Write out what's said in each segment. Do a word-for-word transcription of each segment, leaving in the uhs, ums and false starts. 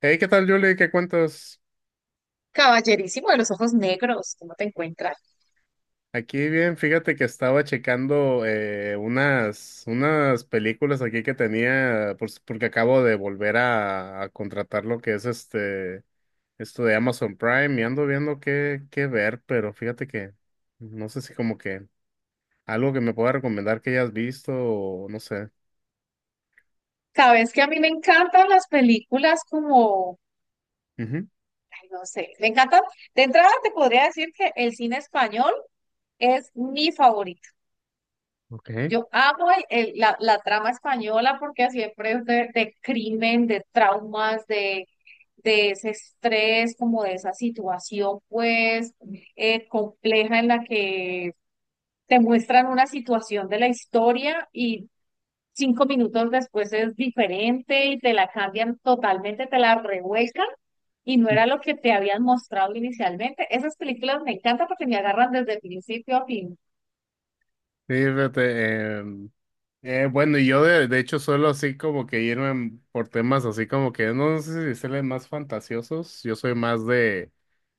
Hey, ¿qué tal, Julie? ¿Qué cuentas? Caballerísimo de los ojos negros, ¿cómo te encuentras? Aquí bien, fíjate que estaba checando eh, unas, unas películas aquí que tenía, pues, porque acabo de volver a, a contratar lo que es este, esto de Amazon Prime y ando viendo qué, qué ver, pero fíjate que no sé si como que algo que me pueda recomendar que hayas visto o no sé. Sabes que a mí me encantan las películas como, Ujú. ay, no sé, me encantan. De entrada te podría decir que el cine español es mi favorito. Ok. Yo amo el- el- la, la trama española porque siempre es de, de crimen, de traumas, de, de ese estrés, como de esa situación pues eh, compleja en la que te muestran una situación de la historia cinco minutos después es diferente y te la cambian totalmente, te la revuelcan y no era lo que te habían mostrado inicialmente. Esas películas me encantan porque me agarran desde principio a fin. Sí, fíjate, em, Eh, bueno, y yo de, de hecho suelo así como que irme por temas así como que no no sé si decirle más fantasiosos. Yo soy más de,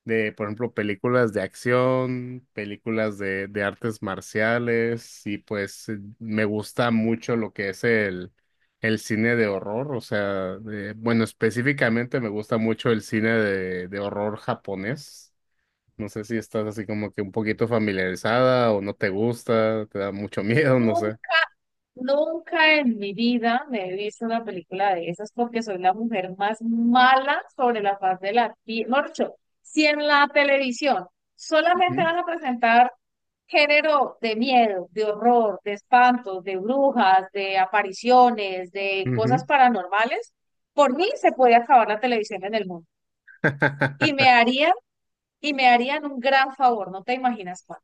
de, por ejemplo, películas de acción, películas de, de artes marciales y pues eh, me gusta mucho lo que es el, el cine de horror. O sea, de- bueno, específicamente me gusta mucho el cine de, de horror japonés. No sé si estás así como que un poquito familiarizada o no te gusta, te da mucho miedo, no sé. Nunca en mi vida me he visto una película de esas porque soy la mujer más mala sobre la faz de la tierra. Morcho, si en la televisión solamente van a presentar género de miedo, de horror, de espantos, de brujas, de apariciones, de cosas Ujú. paranormales, por mí se puede acabar la televisión en el mundo. Y me harían, y me harían un gran favor, no te imaginas cuál.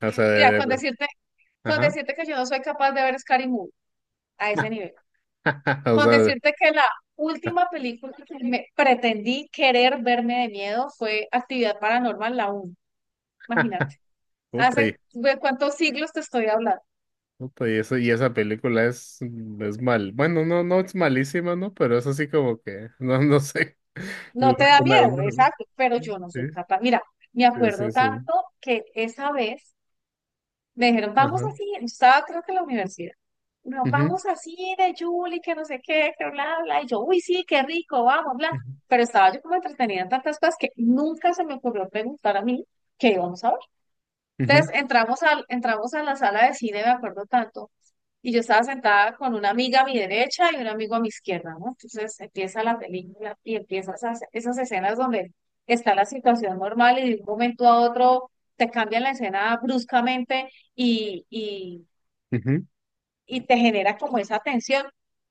O sea, Mira, de, con de- decirte, con ajá. decirte que yo no soy capaz de ver Scary Movie a ese nivel. O Con sea, de- decirte que la última película que me pretendí querer verme de miedo fue Actividad Paranormal, la uno. Imagínate. puta Hace y, de cuántos siglos te estoy hablando. puta y eso, y esa película es, mm, es mal. Bueno, no, no es malísima, ¿no? Pero es así como que, no, no sé. No te da Una- una- miedo, una- exacto, pero yo no sí, soy capaz. Mira, me sí, acuerdo sí, sí. tanto que esa vez me dijeron, vamos Ajá. así, yo estaba creo que en la universidad. No, Ujú, vamos así de Julie, que no sé qué, que bla, bla. Y yo, uy, sí, qué rico, vamos, bla. Pero estaba yo como entretenida en tantas cosas que nunca se me ocurrió preguntar a mí qué íbamos a ver. ujú, ujú, Entonces entramos, al, entramos a la sala de cine, me acuerdo tanto, y yo estaba sentada con una amiga a mi derecha y un amigo a mi izquierda, ¿no? Entonces empieza la película y empiezan esas, esas escenas donde está la situación normal y de un momento a otro te cambian la escena bruscamente y, y, ujú. y te genera como esa tensión.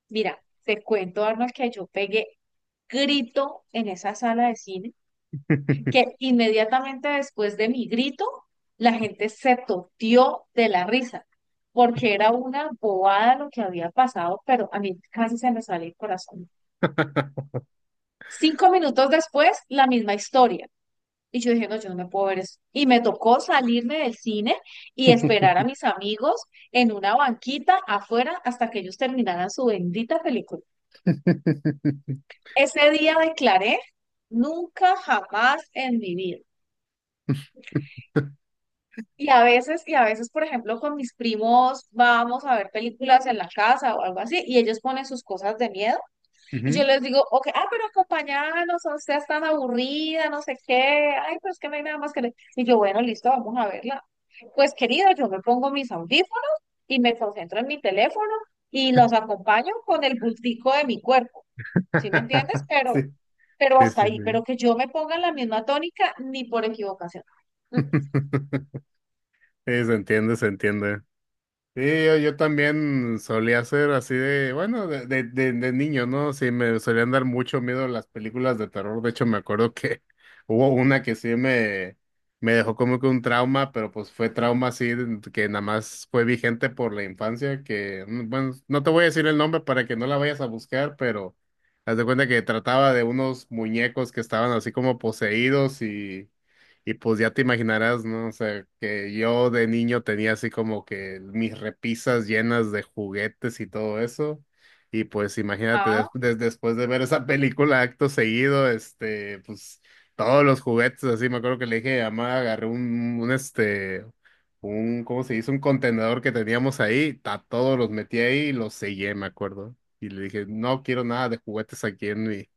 Mira, te cuento, Arnold, que yo pegué grito en esa sala de cine que inmediatamente después de mi grito, la gente se toteó de la risa, porque era una bobada lo que había pasado, pero a mí casi se me sale el corazón. Cinco minutos después, la misma historia. Y yo dije, no, yo no me puedo ver eso. Y me tocó salirme del cine y esperar a mis amigos en una banquita afuera hasta que ellos terminaran su bendita película. Ese día declaré, nunca jamás en mi vida. Y a veces, y a veces, por ejemplo, con mis primos vamos a ver películas en la casa o algo así, y ellos ponen sus cosas de miedo, y yo Ujú. les digo, ok, ah, pero acompáñanos, o sea, es tan aburrida, no sé qué, ay, pero es que no hay nada más que le... Y yo, bueno, listo, vamos a verla. Pues, querido, yo me pongo mis audífonos y me concentro en mi teléfono y los acompaño con el bultico de mi cuerpo, ¿sí me entiendes? Sí, Pero, pero sí, hasta sí, ahí, sí. pero que yo me ponga en la misma tónica, ni por equivocación. Sí, se entiende, se entiende. Sí, yo, yo también solía ser así de, bueno, de, de, de, de niño, ¿no? Sí, me solían dar mucho miedo las películas de terror. De hecho, me acuerdo que hubo una que sí me, me dejó como que un trauma, pero pues fue trauma así de- que nada más fue vigente por la infancia, que, mm, bueno, no te voy a decir el nombre para que no la vayas a buscar, pero haz de cuenta que trataba de unos muñecos que estaban así como poseídos y pues ya te imaginarás, ¿no? O sea, que yo de niño tenía así como que mis repisas llenas de juguetes y todo eso. Y pues imagínate, des- Ah, des- después de ver esa película acto seguido, este, pues todos los juguetes, así me acuerdo que le dije a mamá, agarré, un, un, este, un, ¿cómo se dice? Un contenedor que teníamos ahí, a todos los metí ahí y los sellé, me acuerdo. Y le dije, no quiero nada de juguetes aquí en mi,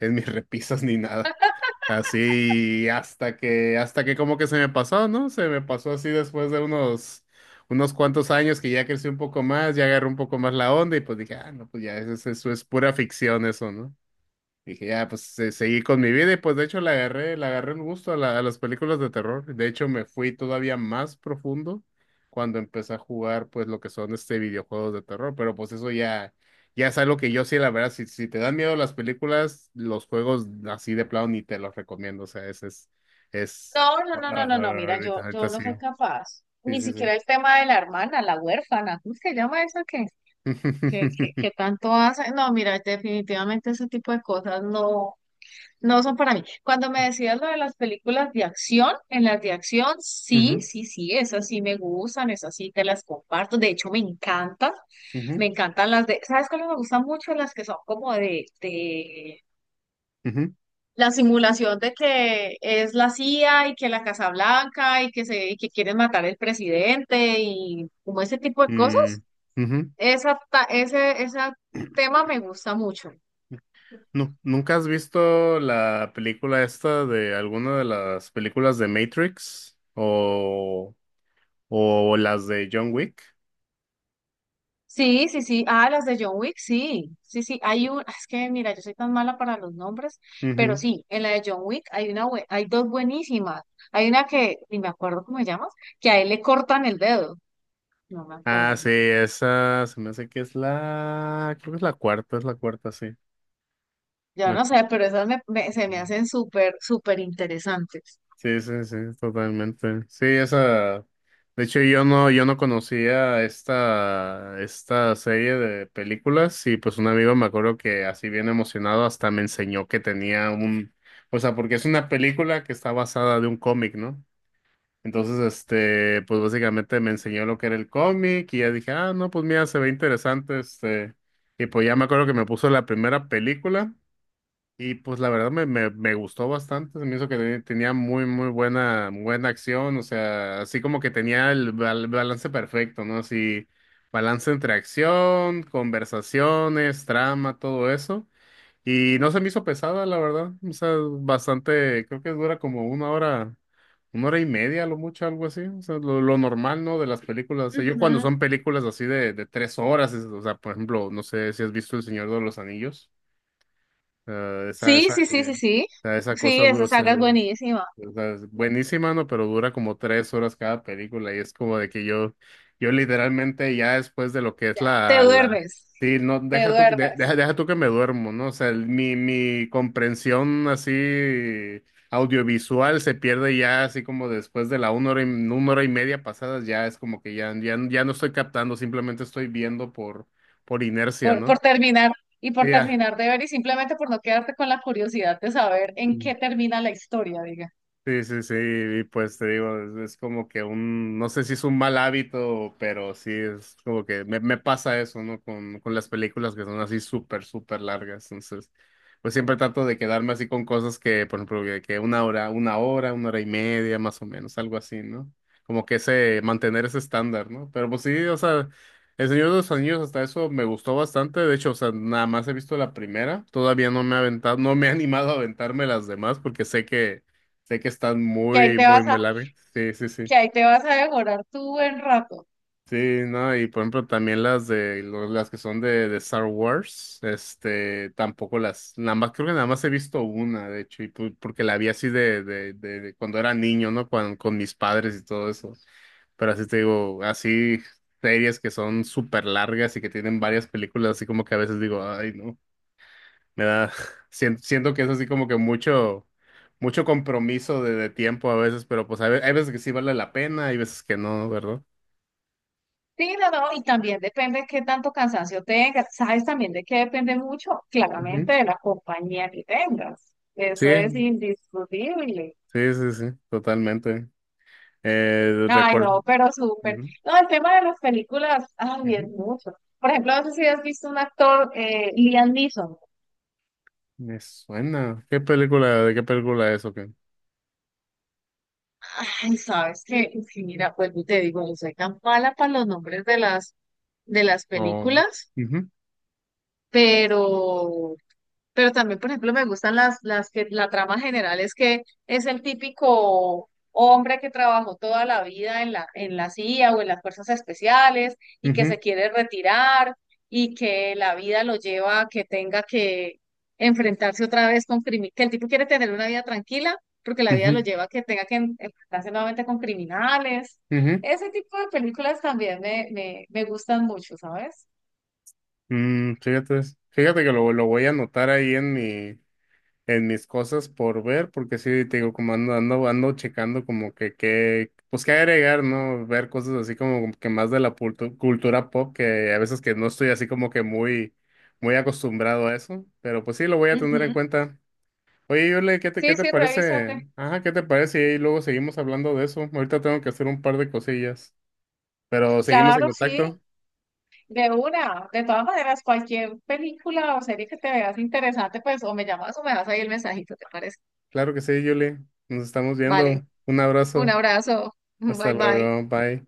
en mis repisas ni nada. Así hasta que, hasta que como que se me pasó, ¿no? Se me pasó así después de unos, unos cuantos años que ya crecí un poco más, ya agarré un poco más la onda y pues dije, ah, no, pues ya eso es, eso es pura ficción eso, ¿no? Dije, ya, pues se- seguí con mi vida y pues de hecho le agarré, le agarré el gusto a, la- a las películas de terror. De hecho, me fui todavía más profundo cuando empecé a jugar pues lo que son este videojuegos de terror. Pero pues eso ya, ya es algo que yo sí, la verdad, si, si te dan miedo las películas, los juegos así de plano ni te los recomiendo. O sea, ese es, es, No, no, no, no, no, no, ajá, mira, yo, ahorita, ahorita yo no sí. soy capaz. Sí, Ni sí, sí. siquiera el tema de la hermana, la huérfana, ¿cómo se llama esa que, que, que, que tanto hace? No, mira, definitivamente ese tipo de cosas no, no son para mí. Cuando me decías lo de las películas de acción, en las de acción, sí, sí, sí, esas sí me gustan, esas sí te las comparto. De hecho, me encantan, me Ujú, encantan las de, ¿sabes cuáles me gustan mucho? Las que son como de, de ujú, la simulación de que es la C I A y que la Casa Blanca y que se y que quieren matar al presidente y como ese tipo de ujú, cosas. mm, ujú. Esa, ta- ese, ese tema me gusta mucho. No, ¿nunca has visto la película esta de alguna de las películas de Matrix o, o las de John Wick? Sí, sí, sí. Ah, las de John Wick, sí. Sí, sí. Hay un, es que mira, yo soy tan mala para los nombres, pero Ujú. sí, en la de John Wick hay una, bue- hay dos buenísimas. Hay una que, ni me acuerdo cómo se llama, que a él le cortan el dedo. No me Ah, acuerdo. sí, esa se me hace que es la, creo que es la cuarta, es la cuarta, sí. Yo no sé, pero esas me- me- se La- me hacen súper, súper interesantes. Sí, sí, sí, totalmente. Sí, esa. De hecho, yo no, yo no conocía esta, esta serie de películas y pues un amigo me acuerdo que así bien emocionado hasta me enseñó que tenía un, o sea, porque es una película que está basada de un cómic, ¿no? Entonces, este, pues básicamente me enseñó lo que era el cómic y ya dije, ah, no, pues mira, se ve interesante, este, y pues ya me acuerdo que me puso la primera película. Y pues la verdad me, me, me gustó bastante, se me hizo que te- tenía muy, muy buena, buena acción, o sea, así como que tenía el bal- balance perfecto, ¿no? Así, balance entre acción, conversaciones, trama, todo eso. Y no se me hizo pesada, la verdad, o sea, bastante, creo que dura como una hora, una hora y media, a lo mucho, algo así, o sea, lo, lo normal, ¿no? De las películas. O sea, yo cuando Ujú. son películas así de, de tres horas, es- o sea, por ejemplo, no sé si has visto El Señor de los Anillos sea, esa, Sí, esa, sí, sí, sí, eh, sí. o esa Sí, cosa dura, esa o sea, saga es o buenísima. sea, es buenísima, ¿no? Pero dura como tres horas cada película y es como de que yo, yo literalmente ya después de lo que es Ya, te la, la, duermes, sí, no, te deja tú, que- de- duermes deja, deja tú que me duermo, ¿no? O sea, el- mi, mi comprensión así audiovisual se pierde ya así como después de la una hora y, una hora y media pasadas, ya es como que ya, ya, ya no estoy captando, simplemente estoy viendo por, por inercia, por, por ¿no? terminar y Sí, por ya. terminar de ver y simplemente por no quedarte con la curiosidad de saber en qué termina la historia, diga. Sí, sí, sí, y pues te digo, es, es como que un, no sé si es un mal hábito, pero sí es como que me, me pasa eso, ¿no? Con, con las películas que son así súper, súper largas. Entonces, pues siempre trato de quedarme así con cosas que, por ejemplo, que, que una hora, una hora, una hora y media, más o menos, algo así, ¿no? Como que ese, mantener ese estándar, ¿no? Pero pues sí, o sea, El Señor de los Anillos hasta eso me gustó bastante, de hecho, o sea, nada más he visto la primera, todavía no me he aventado, no me he animado a aventarme las demás porque sé que Sé que están Que ahí muy, te muy, vas muy a, largas. Sí, sí, sí. que ahí te vas a devorar tu buen rato. Sí, no, y por ejemplo también las de lo- las que son de, de Star Wars, este, tampoco las, nada más, creo que nada más he visto una, de hecho, y pu- porque la vi así de, de, de, de cuando era niño, ¿no? Con, con mis padres y todo eso. Pero así te digo, así series que son súper largas y que tienen varias películas, así como que a veces digo, ay, no. Me da, sien- siento, que es así como que mucho, mucho compromiso de, de tiempo a veces, pero pues a ve- hay veces que sí vale la pena, hay veces que no, ¿verdad? Sí, no, no, y también depende de qué tanto cansancio tengas. ¿Sabes también de qué depende mucho? Ujú. Claramente de la compañía que tengas. Sí, Eso es indiscutible. sí, sí, sí, totalmente. Eh, Ay, recuerdo. no, pero súper. Ujú, No, el tema de las películas, ay, es ujú. mucho. Por ejemplo, no sé si has visto un actor, eh, Liam Neeson. Me suena. ¿Qué película, ¿de qué película es o qué? Ay, sabes que, sí, mira, pues te digo, yo soy tan mala para los nombres de las, de las Oh. películas, Ujú, pero Pero también, por ejemplo, me gustan las, las que la trama general es que es el típico hombre que trabajó toda la vida en la, en la C I A o en las fuerzas especiales y que ujú, se quiere retirar y que la vida lo lleva a que tenga que enfrentarse otra vez con criminales, que el tipo quiere tener una vida tranquila porque la vida lo ujú, lleva a que tenga que en- enfrentarse nuevamente con criminales. ujú. Ese tipo de películas también me, me, me gustan mucho, ¿sabes? Mm, fíjate, fíjate que lo, lo voy a anotar ahí en mi, en mis cosas por ver, porque sí, te digo, como ando, ando, ando checando como que, que, pues qué agregar, ¿no? Ver cosas así como que más de la pultu- cultura pop, que a veces que no estoy así como que muy, muy acostumbrado a eso, pero pues sí, lo voy a tener en Ujú. cuenta. Oye, Yule, ¿qué te, Sí, qué te sí, parece? revísate. Ajá, ¿qué te parece? Y luego seguimos hablando de eso. Ahorita tengo que hacer un par de cosillas, pero seguimos en Claro, sí. contacto. De una, de todas maneras, cualquier película o serie que te veas interesante, pues o me llamas o me das ahí el mensajito, ¿te parece? Claro que sí, Yule. Nos estamos Vale, viendo. Un un abrazo. abrazo, Hasta bye bye. luego. Bye.